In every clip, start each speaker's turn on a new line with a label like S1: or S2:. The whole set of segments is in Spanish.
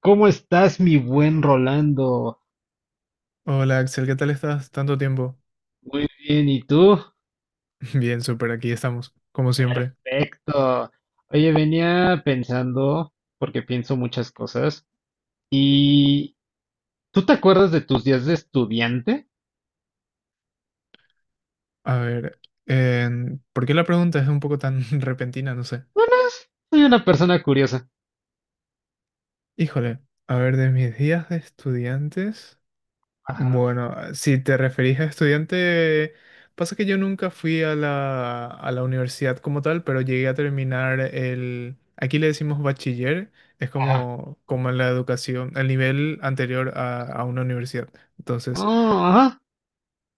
S1: ¿Cómo estás, mi buen Rolando?
S2: Hola Axel, ¿qué tal estás? Tanto tiempo.
S1: Muy bien, ¿y tú?
S2: Bien, súper, aquí estamos, como siempre.
S1: Perfecto. Oye, venía pensando, porque pienso muchas cosas, y ¿tú te acuerdas de tus días de estudiante?
S2: A ver, ¿por qué la pregunta es un poco tan repentina? No sé.
S1: Bueno, soy una persona curiosa.
S2: Híjole, a ver, de mis días de estudiantes.
S1: Ajá,
S2: Bueno, si te referís a estudiante, pasa que yo nunca fui a la universidad como tal, pero llegué a terminar el... Aquí le decimos bachiller, es
S1: ajá.
S2: como, como la educación, el nivel anterior a una universidad. Entonces...
S1: Oh, ajá.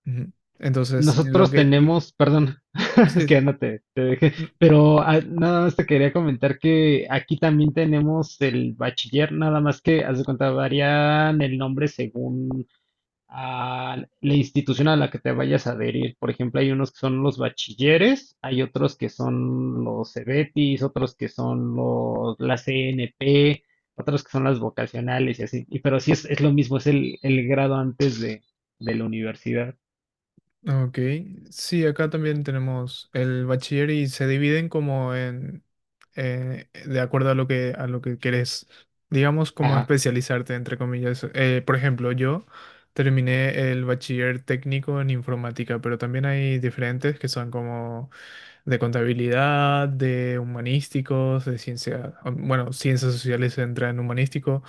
S2: Ujú. Entonces,
S1: Nosotros tenemos, perdón, es que
S2: sí,
S1: ya no te, te dejé,
S2: n-
S1: pero ah, nada más te quería comentar que aquí también tenemos el bachiller, nada más que, haz de cuenta, varían el nombre según a la institución a la que te vayas a adherir. Por ejemplo, hay unos que son los bachilleres, hay otros que son los CEBETIS, otros que son los, la CNP, otros que son las vocacionales y así. Y, pero sí es lo mismo, es el grado antes de la universidad.
S2: ok. Sí, acá también tenemos el bachiller y se dividen como en, de acuerdo a lo que querés, digamos, como
S1: Ajá,
S2: especializarte, entre comillas. Por ejemplo, yo terminé el bachiller técnico en informática, pero también hay diferentes que son como de contabilidad, de humanísticos, de ciencia, bueno, ciencias sociales entra en humanístico.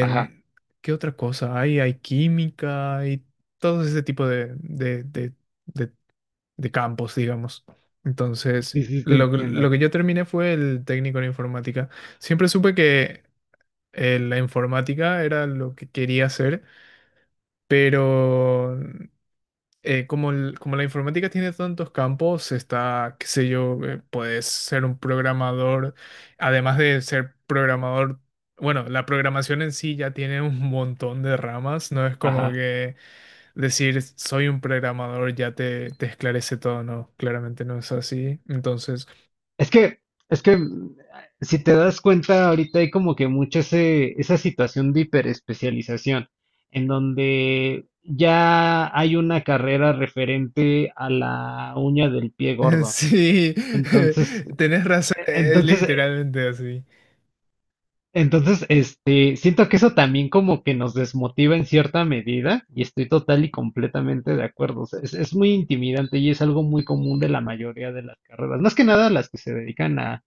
S1: ajá.
S2: ¿Qué otra cosa hay? Hay química, hay todo ese tipo de- de campos, digamos. Entonces,
S1: Sí, sí, te entiendo.
S2: lo que yo terminé fue el técnico en informática. Siempre supe que la informática era lo que quería hacer, pero como, como la informática tiene tantos campos, está, qué sé yo, puedes ser un programador, además de ser programador, bueno, la programación en sí ya tiene un montón de ramas, no es como
S1: Ajá.
S2: que decir soy un programador ya te esclarece todo, no, claramente no es así. Entonces,
S1: Es que, es que si te das cuenta, ahorita hay como que mucha ese, esa situación de hiperespecialización, en donde ya hay una carrera referente a la uña del pie gordo.
S2: sí,
S1: Entonces,
S2: tenés razón, es
S1: entonces,
S2: literalmente así.
S1: entonces, siento que eso también como que nos desmotiva en cierta medida, y estoy total y completamente de acuerdo. O sea, es muy intimidante y es algo muy común de la mayoría de las carreras, más que nada las que se dedican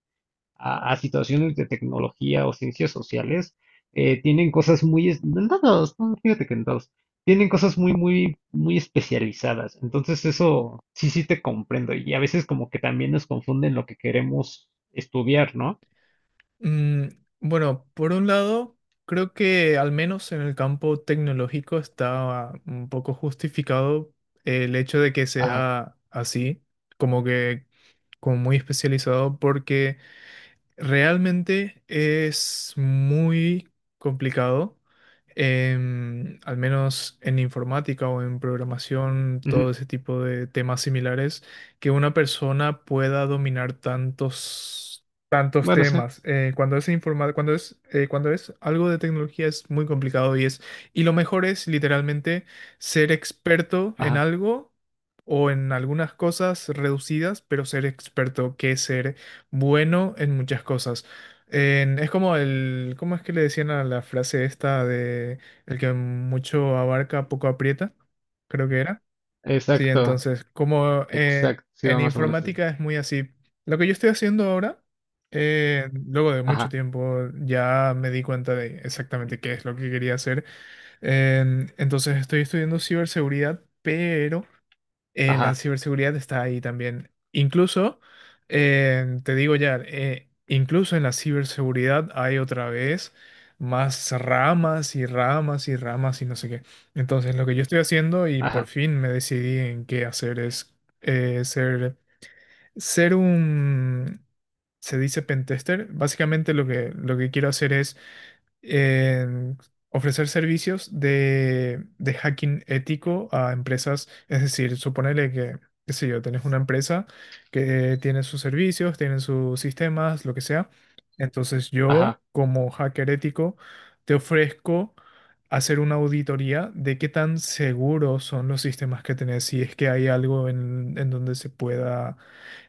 S1: a situaciones de tecnología o ciencias sociales, tienen cosas muy, en todos, no, fíjate que en todos, tienen cosas muy, muy, muy especializadas. Entonces eso sí, sí te comprendo. Y a veces como que también nos confunden lo que queremos estudiar, ¿no?
S2: Mm, bueno, por un lado, creo que al menos en el campo tecnológico está un poco justificado el hecho de que
S1: Ajá.
S2: sea así, como que como muy especializado, porque realmente es muy complicado, al menos en informática o en programación, todo
S1: Ujú.
S2: ese tipo de temas similares, que una persona pueda dominar tantos
S1: Bueno, sí.
S2: temas. Cuando es algo de tecnología es muy complicado y es, y lo mejor es literalmente ser experto en
S1: Ajá.
S2: algo o en algunas cosas reducidas, pero ser experto que ser bueno en muchas cosas. Es como el, ¿cómo es que le decían a la frase esta de el que mucho abarca, poco aprieta? Creo que era. Sí,
S1: Exacto.
S2: entonces, como
S1: Exacto. Sí, va
S2: en
S1: más o menos así.
S2: informática es muy así. Lo que yo estoy haciendo ahora, luego de mucho
S1: Ajá.
S2: tiempo, ya me di cuenta de exactamente qué es lo que quería hacer. Entonces, estoy estudiando ciberseguridad, pero la
S1: Ajá.
S2: ciberseguridad está ahí también. Incluso, te digo ya, incluso en la ciberseguridad hay otra vez más ramas y ramas y ramas y no sé qué. Entonces, lo que yo estoy haciendo y por
S1: Ajá.
S2: fin me decidí en qué hacer es eh, ser, ser un, se dice pentester. Básicamente lo que quiero hacer es en ofrecer servicios de hacking ético a empresas. Es decir, suponele que, qué sé yo, tenés una empresa que tiene sus servicios, tiene sus sistemas, lo que sea. Entonces
S1: Ajá.
S2: yo, como hacker ético, te ofrezco hacer una auditoría de qué tan seguros son los sistemas que tenés, si es que hay algo en donde se pueda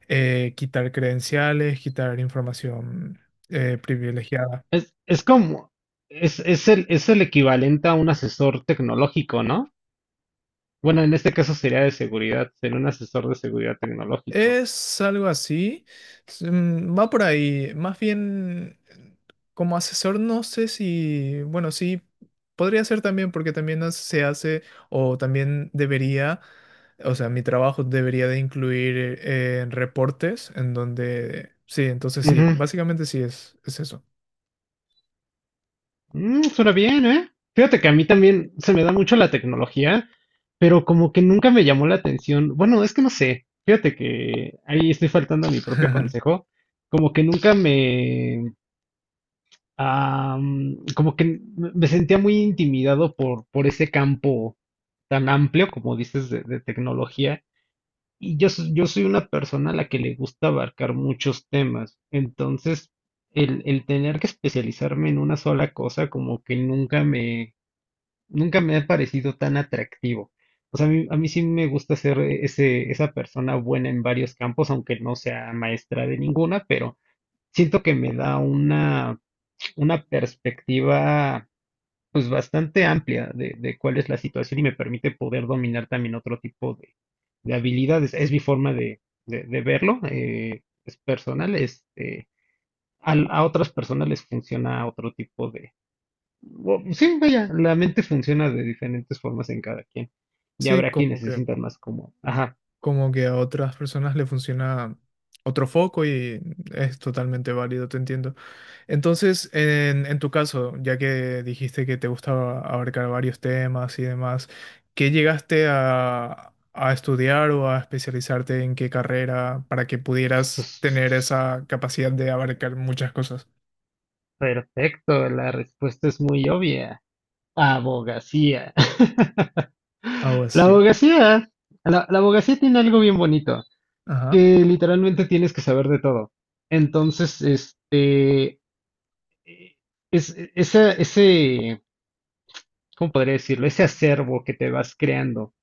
S2: quitar credenciales, quitar información privilegiada.
S1: Es como, es el equivalente a un asesor tecnológico, ¿no? Bueno, en este caso sería de seguridad, ser un asesor de seguridad tecnológico.
S2: Es algo así, va por ahí, más bien como asesor no sé si, bueno, sí, podría ser también porque también se hace o también debería, o sea, mi trabajo debería de incluir reportes en donde, sí, entonces sí,
S1: Ujú.
S2: básicamente sí es eso.
S1: Mm, suena bien, ¿eh? Fíjate que a mí también se me da mucho la tecnología, pero como que nunca me llamó la atención. Bueno, es que no sé. Fíjate que ahí estoy faltando a mi propio consejo. Como que nunca me... como que me sentía muy intimidado por ese campo tan amplio, como dices, de tecnología. Y yo, yo soy una persona a la que le gusta abarcar muchos temas, entonces el tener que especializarme en una sola cosa como que nunca me, nunca me ha parecido tan atractivo. O sea, a mí sí me gusta ser ese, esa persona buena en varios campos, aunque no sea maestra de ninguna, pero siento que me da una perspectiva pues bastante amplia de cuál es la situación y me permite poder dominar también otro tipo de habilidades. Es mi forma de, de verlo, es personal, a, otras personas les funciona otro tipo de... sí, vaya, la mente funciona de diferentes formas en cada quien. Y
S2: Sí,
S1: habrá quienes se sientan más como, ajá,
S2: como que a otras personas le funciona otro foco y es totalmente válido, te entiendo. Entonces, en tu caso, ya que dijiste que te gustaba abarcar varios temas y demás, ¿qué llegaste a estudiar o a especializarte en qué carrera para que
S1: pues,
S2: pudieras tener esa capacidad de abarcar muchas cosas?
S1: perfecto, la respuesta es muy obvia. Abogacía.
S2: Algo
S1: La
S2: así.
S1: abogacía, la abogacía tiene algo bien bonito.
S2: Ajá.
S1: Que literalmente tienes que saber de todo. Entonces, eh, es, ese, ¿cómo podría decirlo? Ese acervo que te vas creando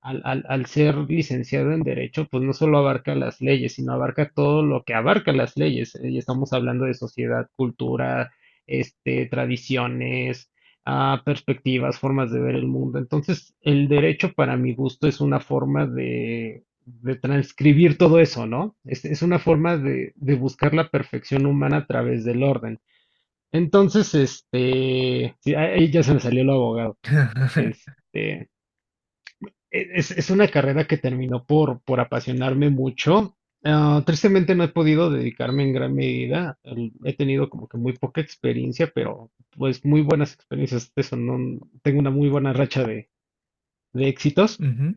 S1: al, al ser licenciado en Derecho, pues no solo abarca las leyes, sino abarca todo lo que abarca las leyes. Y estamos hablando de sociedad, cultura, tradiciones, perspectivas, formas de ver el mundo. Entonces, el derecho, para mi gusto, es una forma de transcribir todo eso, ¿no? Es una forma de buscar la perfección humana a través del orden. Entonces, sí, ahí ya se me salió lo abogado. Este, es una carrera que terminó por apasionarme mucho. Tristemente no he podido dedicarme en gran medida. He tenido como que muy poca experiencia, pero pues muy buenas experiencias. Eso, no, tengo una muy buena racha de éxitos,
S2: Ujú.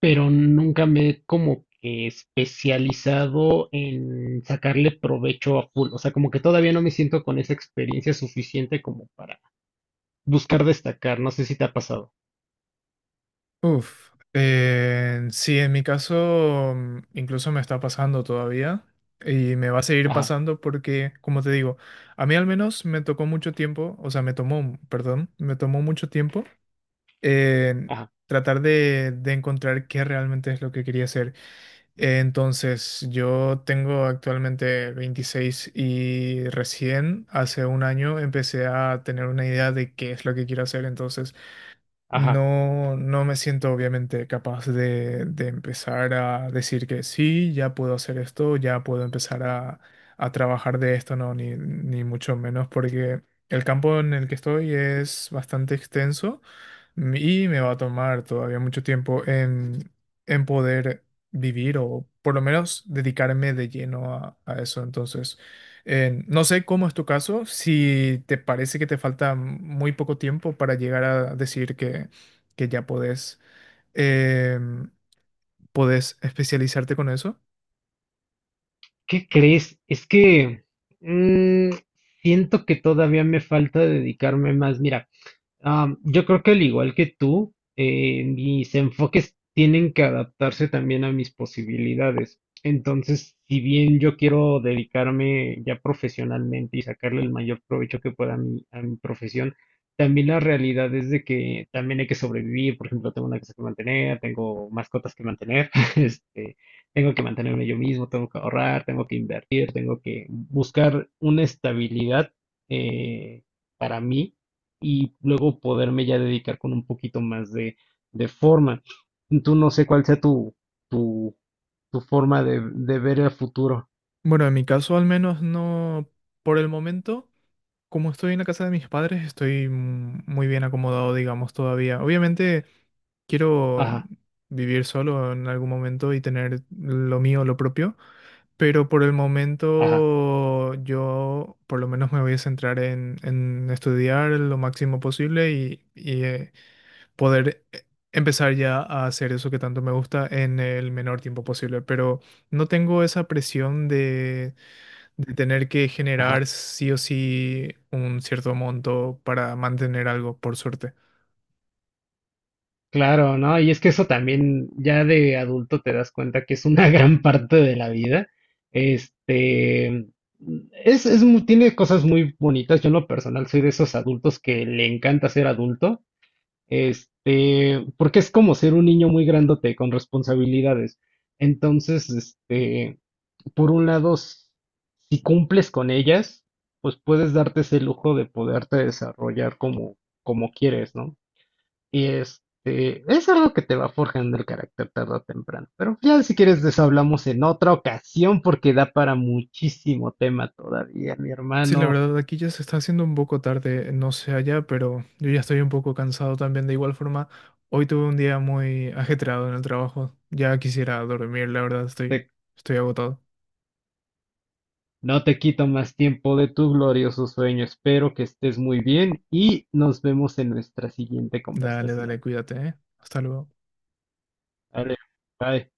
S1: pero nunca me he como que especializado en sacarle provecho a full. O sea, como que todavía no me siento con esa experiencia suficiente como para buscar destacar. No sé si te ha pasado.
S2: Uf, sí, en mi caso incluso me está pasando todavía y me va a seguir
S1: Ajá,
S2: pasando porque, como te digo, a mí al menos me tocó mucho tiempo, o sea, me tomó, perdón, me tomó mucho tiempo eh,
S1: ajá,
S2: tratar de encontrar qué realmente es lo que quería hacer. Entonces, yo tengo actualmente 26 y recién hace 1 año empecé a tener una idea de qué es lo que quiero hacer, entonces...
S1: ajá.
S2: No, no me siento obviamente capaz de empezar a decir que sí, ya puedo hacer esto, ya puedo empezar a trabajar de esto, no, ni mucho menos, porque el campo en el que estoy es bastante extenso y me va a tomar todavía mucho tiempo en poder vivir o por lo menos dedicarme de lleno a eso. Entonces, no sé cómo es tu caso, si te parece que te falta muy poco tiempo para llegar a decir que ya podés. em, ¿Podés especializarte con eso?
S1: ¿Qué crees? Es que mm, siento que todavía me falta dedicarme más. Mira, yo creo que al igual que tú, mis enfoques tienen que adaptarse también a mis posibilidades. Entonces, si bien yo quiero dedicarme ya profesionalmente y sacarle el mayor provecho que pueda a mi profesión, también la realidad es de que también hay que sobrevivir. Por ejemplo, tengo una casa que mantener, tengo mascotas que mantener, este, tengo que mantenerme yo mismo, tengo que ahorrar, tengo que invertir, tengo que buscar una estabilidad eh, para mí y luego poderme ya dedicar con un poquito más de forma. Tú no sé cuál sea tu, tu, tu forma de ver el futuro.
S2: Bueno, en mi caso al menos no por el momento. Como estoy en la casa de mis padres, estoy muy bien acomodado, digamos, todavía. Obviamente... Quiero
S1: Ajá,
S2: vivir solo en algún momento y tener lo mío, lo propio, pero por el
S1: ajá,
S2: momento yo por lo menos me voy a centrar en estudiar lo máximo posible y poder empezar ya a hacer eso que tanto me gusta en el menor tiempo posible. Pero no tengo esa presión de tener que
S1: ajá.
S2: generar sí o sí un cierto monto para mantener algo, por suerte.
S1: Claro, ¿no? Y es que eso también ya de adulto te das cuenta que es una gran parte de la vida. Este, es, tiene cosas muy bonitas. Yo en lo personal soy de esos adultos que le encanta ser adulto. Este, porque es como ser un niño muy grandote con responsabilidades. Entonces, por un lado, si cumples con ellas, pues puedes darte ese lujo de poderte desarrollar como, como quieres, ¿no? Y este, es algo que te va forjando el carácter tarde o temprano. Pero ya si quieres deshablamos en otra ocasión porque da para muchísimo tema todavía, mi
S2: Sí, la
S1: hermano.
S2: verdad, aquí ya se está haciendo un poco tarde, no sé allá, pero yo ya estoy un poco cansado también. De igual forma, hoy tuve un día muy ajetreado en el trabajo. Ya quisiera dormir, la verdad, estoy, estoy agotado.
S1: No te quito más tiempo de tu glorioso sueño. Espero que estés muy bien y nos vemos en nuestra siguiente
S2: Dale, dale,
S1: conversación.
S2: cuídate, ¿eh? Hasta luego.
S1: Vale, bye.